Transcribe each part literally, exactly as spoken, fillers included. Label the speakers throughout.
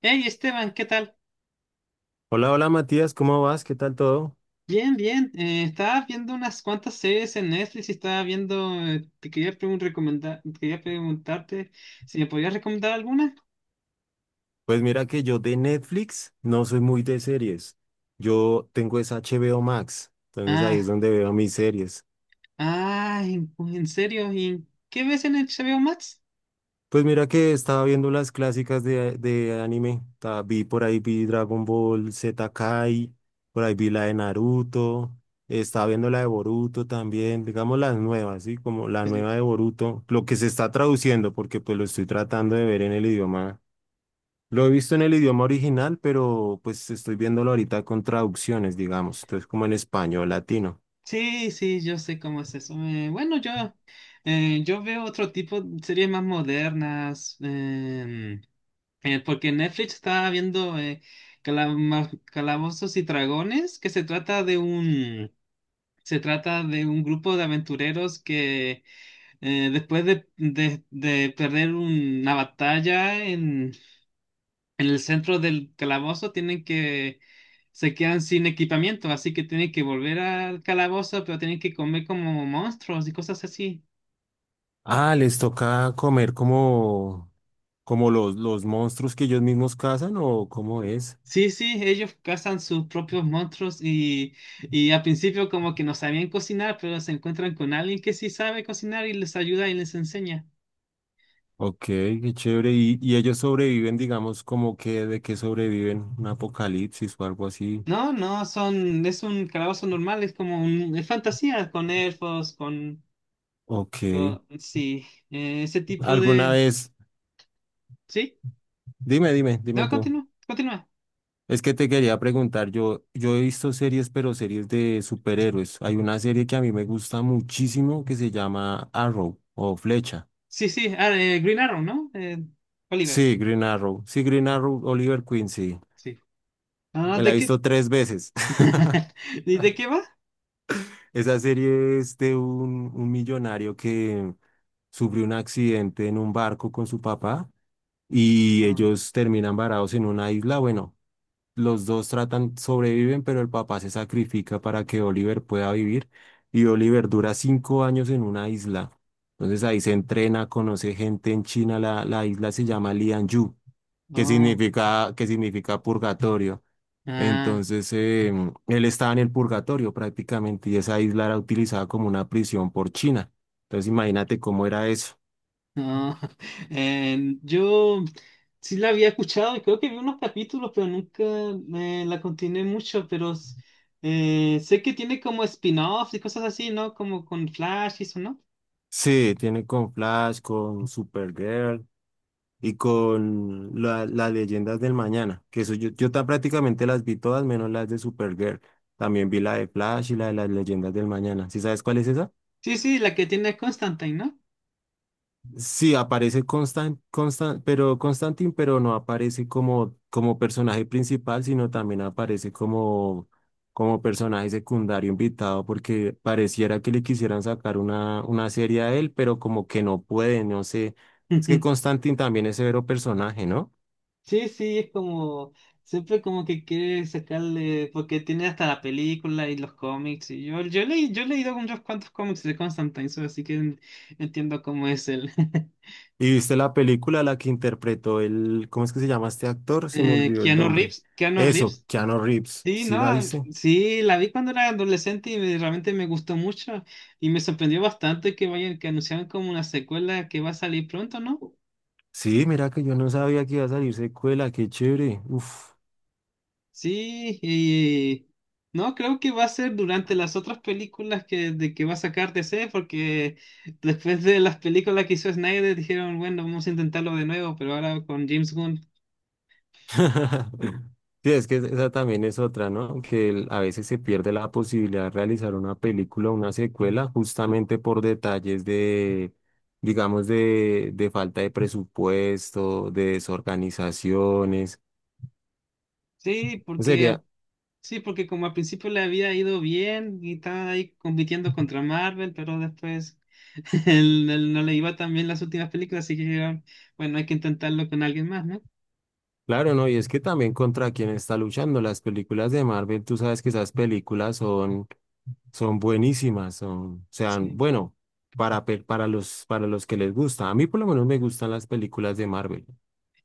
Speaker 1: Hey Esteban, ¿qué tal?
Speaker 2: Hola, hola Matías, ¿cómo vas? ¿Qué tal todo?
Speaker 1: Bien, bien. Eh, estaba viendo unas cuantas series en Netflix y estaba viendo. eh, te quería pregun- Recomendar, quería preguntarte si me podías recomendar alguna.
Speaker 2: Pues mira que yo de Netflix no soy muy de series. Yo tengo esa H B O Max, entonces ahí es
Speaker 1: Ah,
Speaker 2: donde veo mis series.
Speaker 1: ah, en, en serio. ¿Y qué ves en H B O Max?
Speaker 2: Pues mira que estaba viendo las clásicas de, de anime. ta- Vi por ahí vi Dragon Ball Z Kai, por ahí vi la de Naruto, estaba viendo la de Boruto también, digamos las nuevas, ¿sí? Como la
Speaker 1: Sí, sí,
Speaker 2: nueva de Boruto, lo que se está traduciendo, porque pues lo estoy tratando de ver en el idioma. Lo he visto en el idioma original, pero pues estoy viéndolo ahorita con traducciones, digamos. Entonces, como en español, latino.
Speaker 1: sí, sí, yo sé cómo es eso. Eh, bueno, yo, eh, yo veo otro tipo de series más modernas. Em, eh, porque Netflix estaba viendo eh, Calama- Calabozos y Dragones, que se trata de un... Se trata de un grupo de aventureros que, eh, después de, de- de perder una batalla en, en el centro del calabozo, tienen que... Se quedan sin equipamiento, así que tienen que volver al calabozo, pero tienen que comer como monstruos y cosas así.
Speaker 2: Ah, ¿les toca comer como, como los, los monstruos que ellos mismos cazan o cómo es?
Speaker 1: Sí, sí, ellos cazan sus propios monstruos y, y al principio como que no sabían cocinar, pero se encuentran con alguien que sí sabe cocinar y les ayuda y les enseña.
Speaker 2: Ok, qué chévere. Y, y ellos sobreviven, digamos, como que de que sobreviven un apocalipsis o algo así.
Speaker 1: No, no, son, es un calabozo normal, es como un, es fantasía, con elfos, con,
Speaker 2: Ok.
Speaker 1: con- sí, eh, ese tipo
Speaker 2: ¿Alguna
Speaker 1: de...
Speaker 2: vez?
Speaker 1: Sí,
Speaker 2: Dime, dime, dime
Speaker 1: no,
Speaker 2: tú.
Speaker 1: continúa, continúa.
Speaker 2: Es que te quería preguntar, yo, yo he visto series, pero series de superhéroes. Hay una serie que a mí me gusta muchísimo que se llama Arrow o Flecha.
Speaker 1: Sí, sí, ah, eh, Green Arrow, ¿no? Eh, Oliver,
Speaker 2: Sí, Green Arrow. Sí, Green Arrow, Oliver Queen, sí.
Speaker 1: sí. Ah,
Speaker 2: Me la he
Speaker 1: ¿de qué?
Speaker 2: visto tres veces.
Speaker 1: ¿Y de qué va?
Speaker 2: Esa serie es de un, un millonario que sufrió un accidente en un barco con su papá y
Speaker 1: Ah,
Speaker 2: ellos terminan varados en una isla. Bueno, los dos tratan, sobreviven, pero el papá se sacrifica para que Oliver pueda vivir y Oliver dura cinco años en una isla. Entonces ahí se entrena, conoce gente en China, la, la isla se llama Lianyu, que
Speaker 1: oh,
Speaker 2: significa, que significa purgatorio.
Speaker 1: ah.
Speaker 2: Entonces em, él estaba en el purgatorio prácticamente y esa isla era utilizada como una prisión por China. Entonces imagínate cómo era eso.
Speaker 1: No, eh, yo sí la había escuchado y creo que vi unos capítulos, pero nunca me la continué mucho, pero s- eh, sé que tiene como spin-offs y cosas así, ¿no? Como con Flash y eso, ¿no?
Speaker 2: Sí, tiene con Flash, con Supergirl, y con la- las leyendas del mañana, que eso yo, yo ta- prácticamente las vi todas, menos las de Supergirl. También vi la de Flash y la de las leyendas del mañana. ¿Sí sabes cuál es esa?
Speaker 1: Sí, sí, la que tiene Constantine, ¿no?
Speaker 2: Sí, aparece Constan, Constan, pero Constantine, pero no aparece como, como personaje principal, sino también aparece como, como personaje secundario invitado, porque pareciera que le quisieran sacar una, una serie a él, pero como que no puede, no sé. Es que Constantine también es severo personaje, ¿no?
Speaker 1: Sí, sí, es como, siempre como que quiere sacarle, porque tiene hasta la película y los cómics, y yo, yo leí, yo he leído unos cuantos cómics de Constantine, so, así que en- entiendo cómo es el...
Speaker 2: ¿Y viste la película la que interpretó el, ¿cómo es que se llama este actor? Se me
Speaker 1: eh,
Speaker 2: olvidó el
Speaker 1: Keanu
Speaker 2: nombre.
Speaker 1: Reeves, Keanu
Speaker 2: Eso,
Speaker 1: Reeves.
Speaker 2: Keanu Reeves.
Speaker 1: Sí, no,
Speaker 2: ¿Sí la
Speaker 1: ah,
Speaker 2: viste?
Speaker 1: sí, la vi cuando era adolescente y me- realmente me gustó mucho y me sorprendió bastante que vayan, que anunciaron como una secuela que va a salir pronto, ¿no?
Speaker 2: Sí, mira que yo no sabía que iba a salir secuela, qué chévere. Uf.
Speaker 1: Sí, y no, creo que va a ser durante las otras películas que, de que va a sacar D C, porque después de las películas que hizo Snyder dijeron, bueno, vamos a intentarlo de nuevo, pero ahora con James Gunn.
Speaker 2: Sí, es que esa también es otra, ¿no? Que el- a veces se pierde la posibilidad de realizar una película, una secuela, justamente por detalles de, digamos, de, de falta de presupuesto, de desorganizaciones.
Speaker 1: Sí, porque a-
Speaker 2: Sería,
Speaker 1: sí, porque como al principio le había ido bien y estaba ahí compitiendo contra Marvel, pero después Él, él no le iba tan bien las últimas películas, así que bueno, hay que intentarlo con alguien más, ¿no?
Speaker 2: claro, no, y es que también contra quien está luchando las películas de Marvel, tú sabes que esas películas son, son buenísimas, son, o sea,
Speaker 1: Sí.
Speaker 2: bueno, para, pe- para los, para los que les gusta. A mí por lo menos me gustan las películas de Marvel.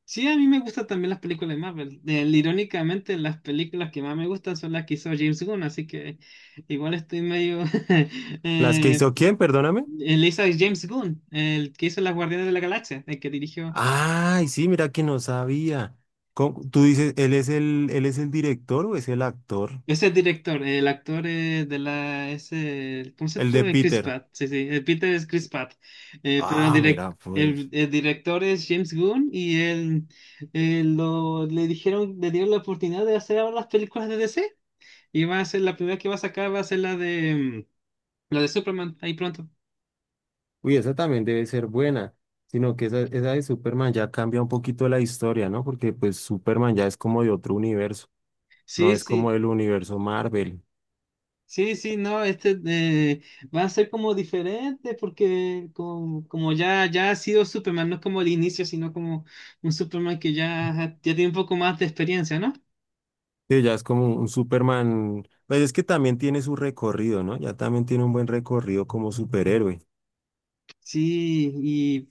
Speaker 1: Sí, a mí me gustan también las películas de Marvel. Eh, irónicamente, las películas que más me gustan son las que hizo James Gunn, así que igual estoy medio...
Speaker 2: ¿Las que
Speaker 1: eh,
Speaker 2: hizo quién, perdóname?
Speaker 1: él hizo James Gunn, el que hizo Las Guardianes de la Galaxia, el que dirigió...
Speaker 2: Ay, sí, mira que no sabía. Con- tú dices, ¿él es el, él es el director o es el actor?
Speaker 1: Ese es director, el actor eh, de la, ese, el
Speaker 2: El
Speaker 1: concepto
Speaker 2: de
Speaker 1: de Chris
Speaker 2: Peter.
Speaker 1: Pratt, sí, sí, el Peter es Chris Pratt. Eh, pero el,
Speaker 2: Ah,
Speaker 1: direc-
Speaker 2: mira,
Speaker 1: el,
Speaker 2: pues.
Speaker 1: el director es James Gunn y él, eh, lo, le dijeron, le dieron la oportunidad de hacer ahora las películas de D C y va a ser la primera que va a sacar, va a ser la de, mm, la de Superman, ahí pronto.
Speaker 2: Uy, esa también debe ser buena, sino que esa, esa de Superman ya cambia un poquito la historia, ¿no? Porque pues Superman ya es como de otro universo, no
Speaker 1: Sí,
Speaker 2: es como
Speaker 1: sí.
Speaker 2: el universo Marvel.
Speaker 1: Sí, sí, no, este eh, van a ser como diferentes porque como, como ya, ya ha sido Superman, no es como el inicio, sino como un Superman que ya, ya tiene un poco más de experiencia, ¿no?
Speaker 2: Sí, ya es como un Superman, pues es que también tiene su recorrido, ¿no? Ya también tiene un buen recorrido como superhéroe.
Speaker 1: Sí, y,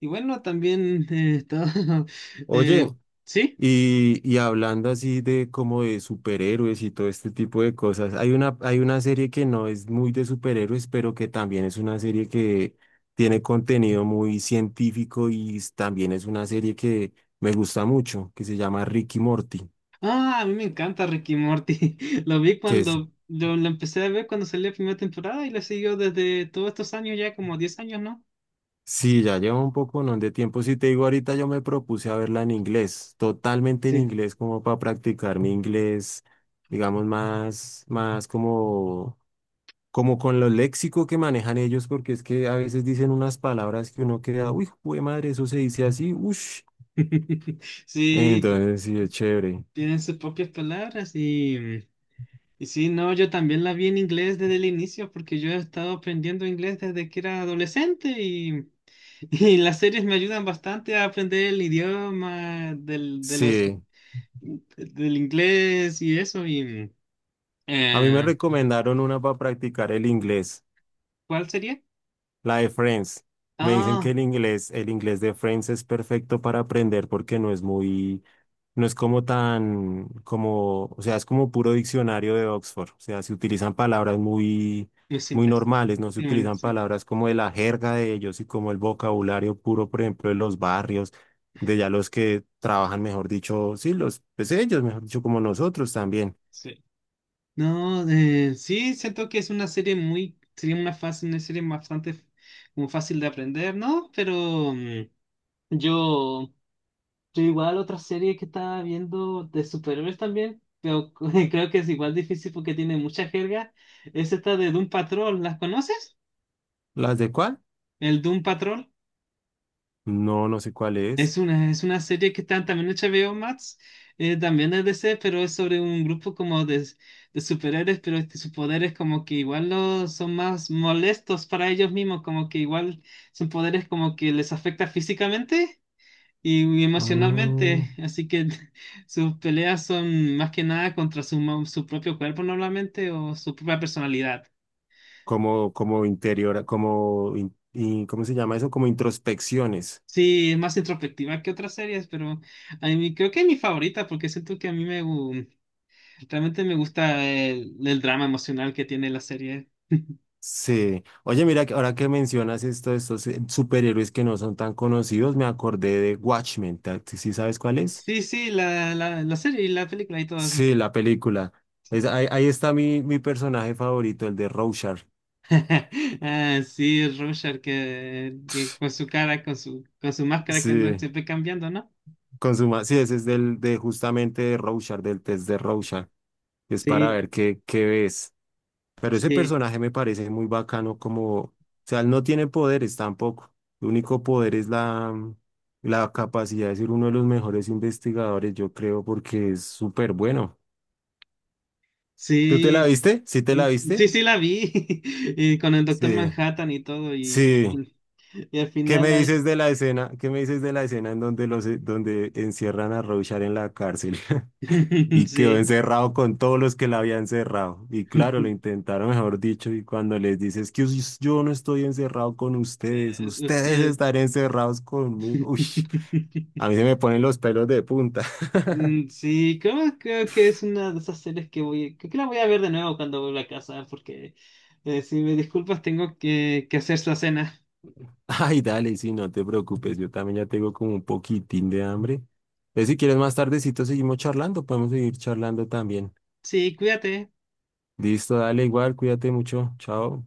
Speaker 1: y bueno, también eh, todo,
Speaker 2: Oye,
Speaker 1: eh, sí.
Speaker 2: Y, y hablando así de como de superhéroes y todo este tipo de cosas, hay una, hay una serie que no es muy de superhéroes, pero que también es una serie que tiene contenido muy científico y s- también es una serie que me gusta mucho, que se llama Ricky Morty,
Speaker 1: Ah, a mí me encanta Ricky Morty. Lo vi
Speaker 2: que es,
Speaker 1: cuando lo, lo empecé a ver cuando salió la primera temporada y lo siguió desde todos estos años, ya como diez años, ¿no?
Speaker 2: sí, ya lleva un poco, ¿no? de tiempo. Si te digo ahorita, yo me propuse a verla en inglés, totalmente en
Speaker 1: Sí.
Speaker 2: inglés, como para practicar mi inglés, digamos, más, más como como con lo léxico que manejan ellos, porque es que a veces dicen unas palabras que uno queda, uy, jue madre, eso se dice así, ush.
Speaker 1: Sí, t-
Speaker 2: Entonces, sí, es chévere.
Speaker 1: tienen sus propias palabras y... Y sí, no, yo también la vi en inglés desde el inicio porque yo he estado aprendiendo inglés desde que era adolescente y, y las series me ayudan bastante a aprender el idioma del, de los,
Speaker 2: Sí,
Speaker 1: del inglés y eso. Y,
Speaker 2: a mí me
Speaker 1: eh,
Speaker 2: recomendaron una para practicar el inglés.
Speaker 1: ¿cuál sería?
Speaker 2: La de Friends. Me dicen que
Speaker 1: Ah,
Speaker 2: el inglés, el inglés de Friends es perfecto para aprender porque no es muy, no es como tan, como, o sea, es como puro diccionario de Oxford. O sea, se utilizan palabras muy,
Speaker 1: muy
Speaker 2: muy
Speaker 1: simples.
Speaker 2: normales, no se
Speaker 1: Sí, bueno,
Speaker 2: utilizan
Speaker 1: sí,
Speaker 2: palabras como de la jerga de ellos y como el vocabulario puro, por ejemplo, de los barrios, de ya los que trabajan, mejor dicho, sí, los, pues ellos, mejor dicho, como nosotros también.
Speaker 1: sí. No, eh, sí, siento que es una serie muy, sería una fácil, una serie bastante como fácil de aprender, ¿no? Pero mm, yo... Yo igual otra serie que estaba viendo de superhéroes también, pero creo que es igual difícil porque tiene mucha jerga, es esta de Doom Patrol, ¿las conoces?
Speaker 2: ¿Las de cuál?
Speaker 1: El Doom Patrol
Speaker 2: No, no sé cuál es.
Speaker 1: es una, es una serie que está también en H B O Max, eh, también es D C, pero es sobre un grupo como de, de superhéroes, pero este, sus poderes como que igual lo- son más molestos para ellos mismos, como que igual son poderes como que les afecta físicamente y
Speaker 2: Mm,
Speaker 1: emocionalmente, así que sus peleas son más que nada contra su, mo- su propio cuerpo normalmente o su propia personalidad.
Speaker 2: como, como interior, como, in- in- ¿cómo se llama eso? Como introspecciones.
Speaker 1: Sí, es más introspectiva que otras series, pero a mí creo que es mi favorita porque siento que a mí me gu- realmente me gusta el, el drama emocional que tiene la serie.
Speaker 2: Sí. Oye, mira, que ahora que mencionas esto, estos eh, superhéroes que no son tan conocidos, me acordé de Watchmen. ¿ta- ¿Sí sabes cuál es?
Speaker 1: Sí, sí, la, la, la serie y la película y todo eso.
Speaker 2: Sí, la película. Es- ahí, ahí está mi, mi personaje favorito, el de Rorschach.
Speaker 1: Ah, sí, Rorschach que, que con su cara, con su, con su máscara que anda
Speaker 2: Sí,
Speaker 1: siempre cambiando, ¿no?
Speaker 2: con su ma- sí, ese es del, de justamente de Rorschach, del test de Rorschach. Es para
Speaker 1: Sí,
Speaker 2: ver qué, qué ves. Pero ese
Speaker 1: sí,
Speaker 2: personaje me parece muy bacano como, o sea, él no tiene poderes tampoco. El único poder es la, la capacidad de ser uno de los mejores investigadores, yo creo, porque es súper bueno. ¿Tú te la
Speaker 1: sí.
Speaker 2: viste? ¿Sí te
Speaker 1: Mm,
Speaker 2: la
Speaker 1: sí,
Speaker 2: viste?
Speaker 1: sí la vi, y con el Doctor
Speaker 2: Sí,
Speaker 1: Manhattan y todo, y,
Speaker 2: sí.
Speaker 1: y al
Speaker 2: ¿Qué me
Speaker 1: final hay...
Speaker 2: dices de la escena? ¿Qué me dices de la escena en donde los, donde encierran a Rorschach en la cárcel? Y quedó
Speaker 1: Sí,
Speaker 2: encerrado con todos los que la habían cerrado. Y claro, lo intentaron, mejor dicho, y cuando les dices que us- yo no estoy encerrado con ustedes,
Speaker 1: es
Speaker 2: ustedes
Speaker 1: usted...
Speaker 2: están encerrados conmigo. Uy, a mí se me ponen los pelos de punta.
Speaker 1: Mm, sí, creo, creo que es una de esas series que voy... Creo que la voy a ver de nuevo cuando vuelva a casa, porque eh, si me disculpas tengo que, que hacer la cena.
Speaker 2: Ay, dale, sí, no te preocupes, yo también ya tengo como un poquitín de hambre. Entonces, si quieres más tardecito seguimos charlando, podemos seguir charlando también.
Speaker 1: Sí, cuídate.
Speaker 2: Listo, dale igual, cuídate mucho, chao.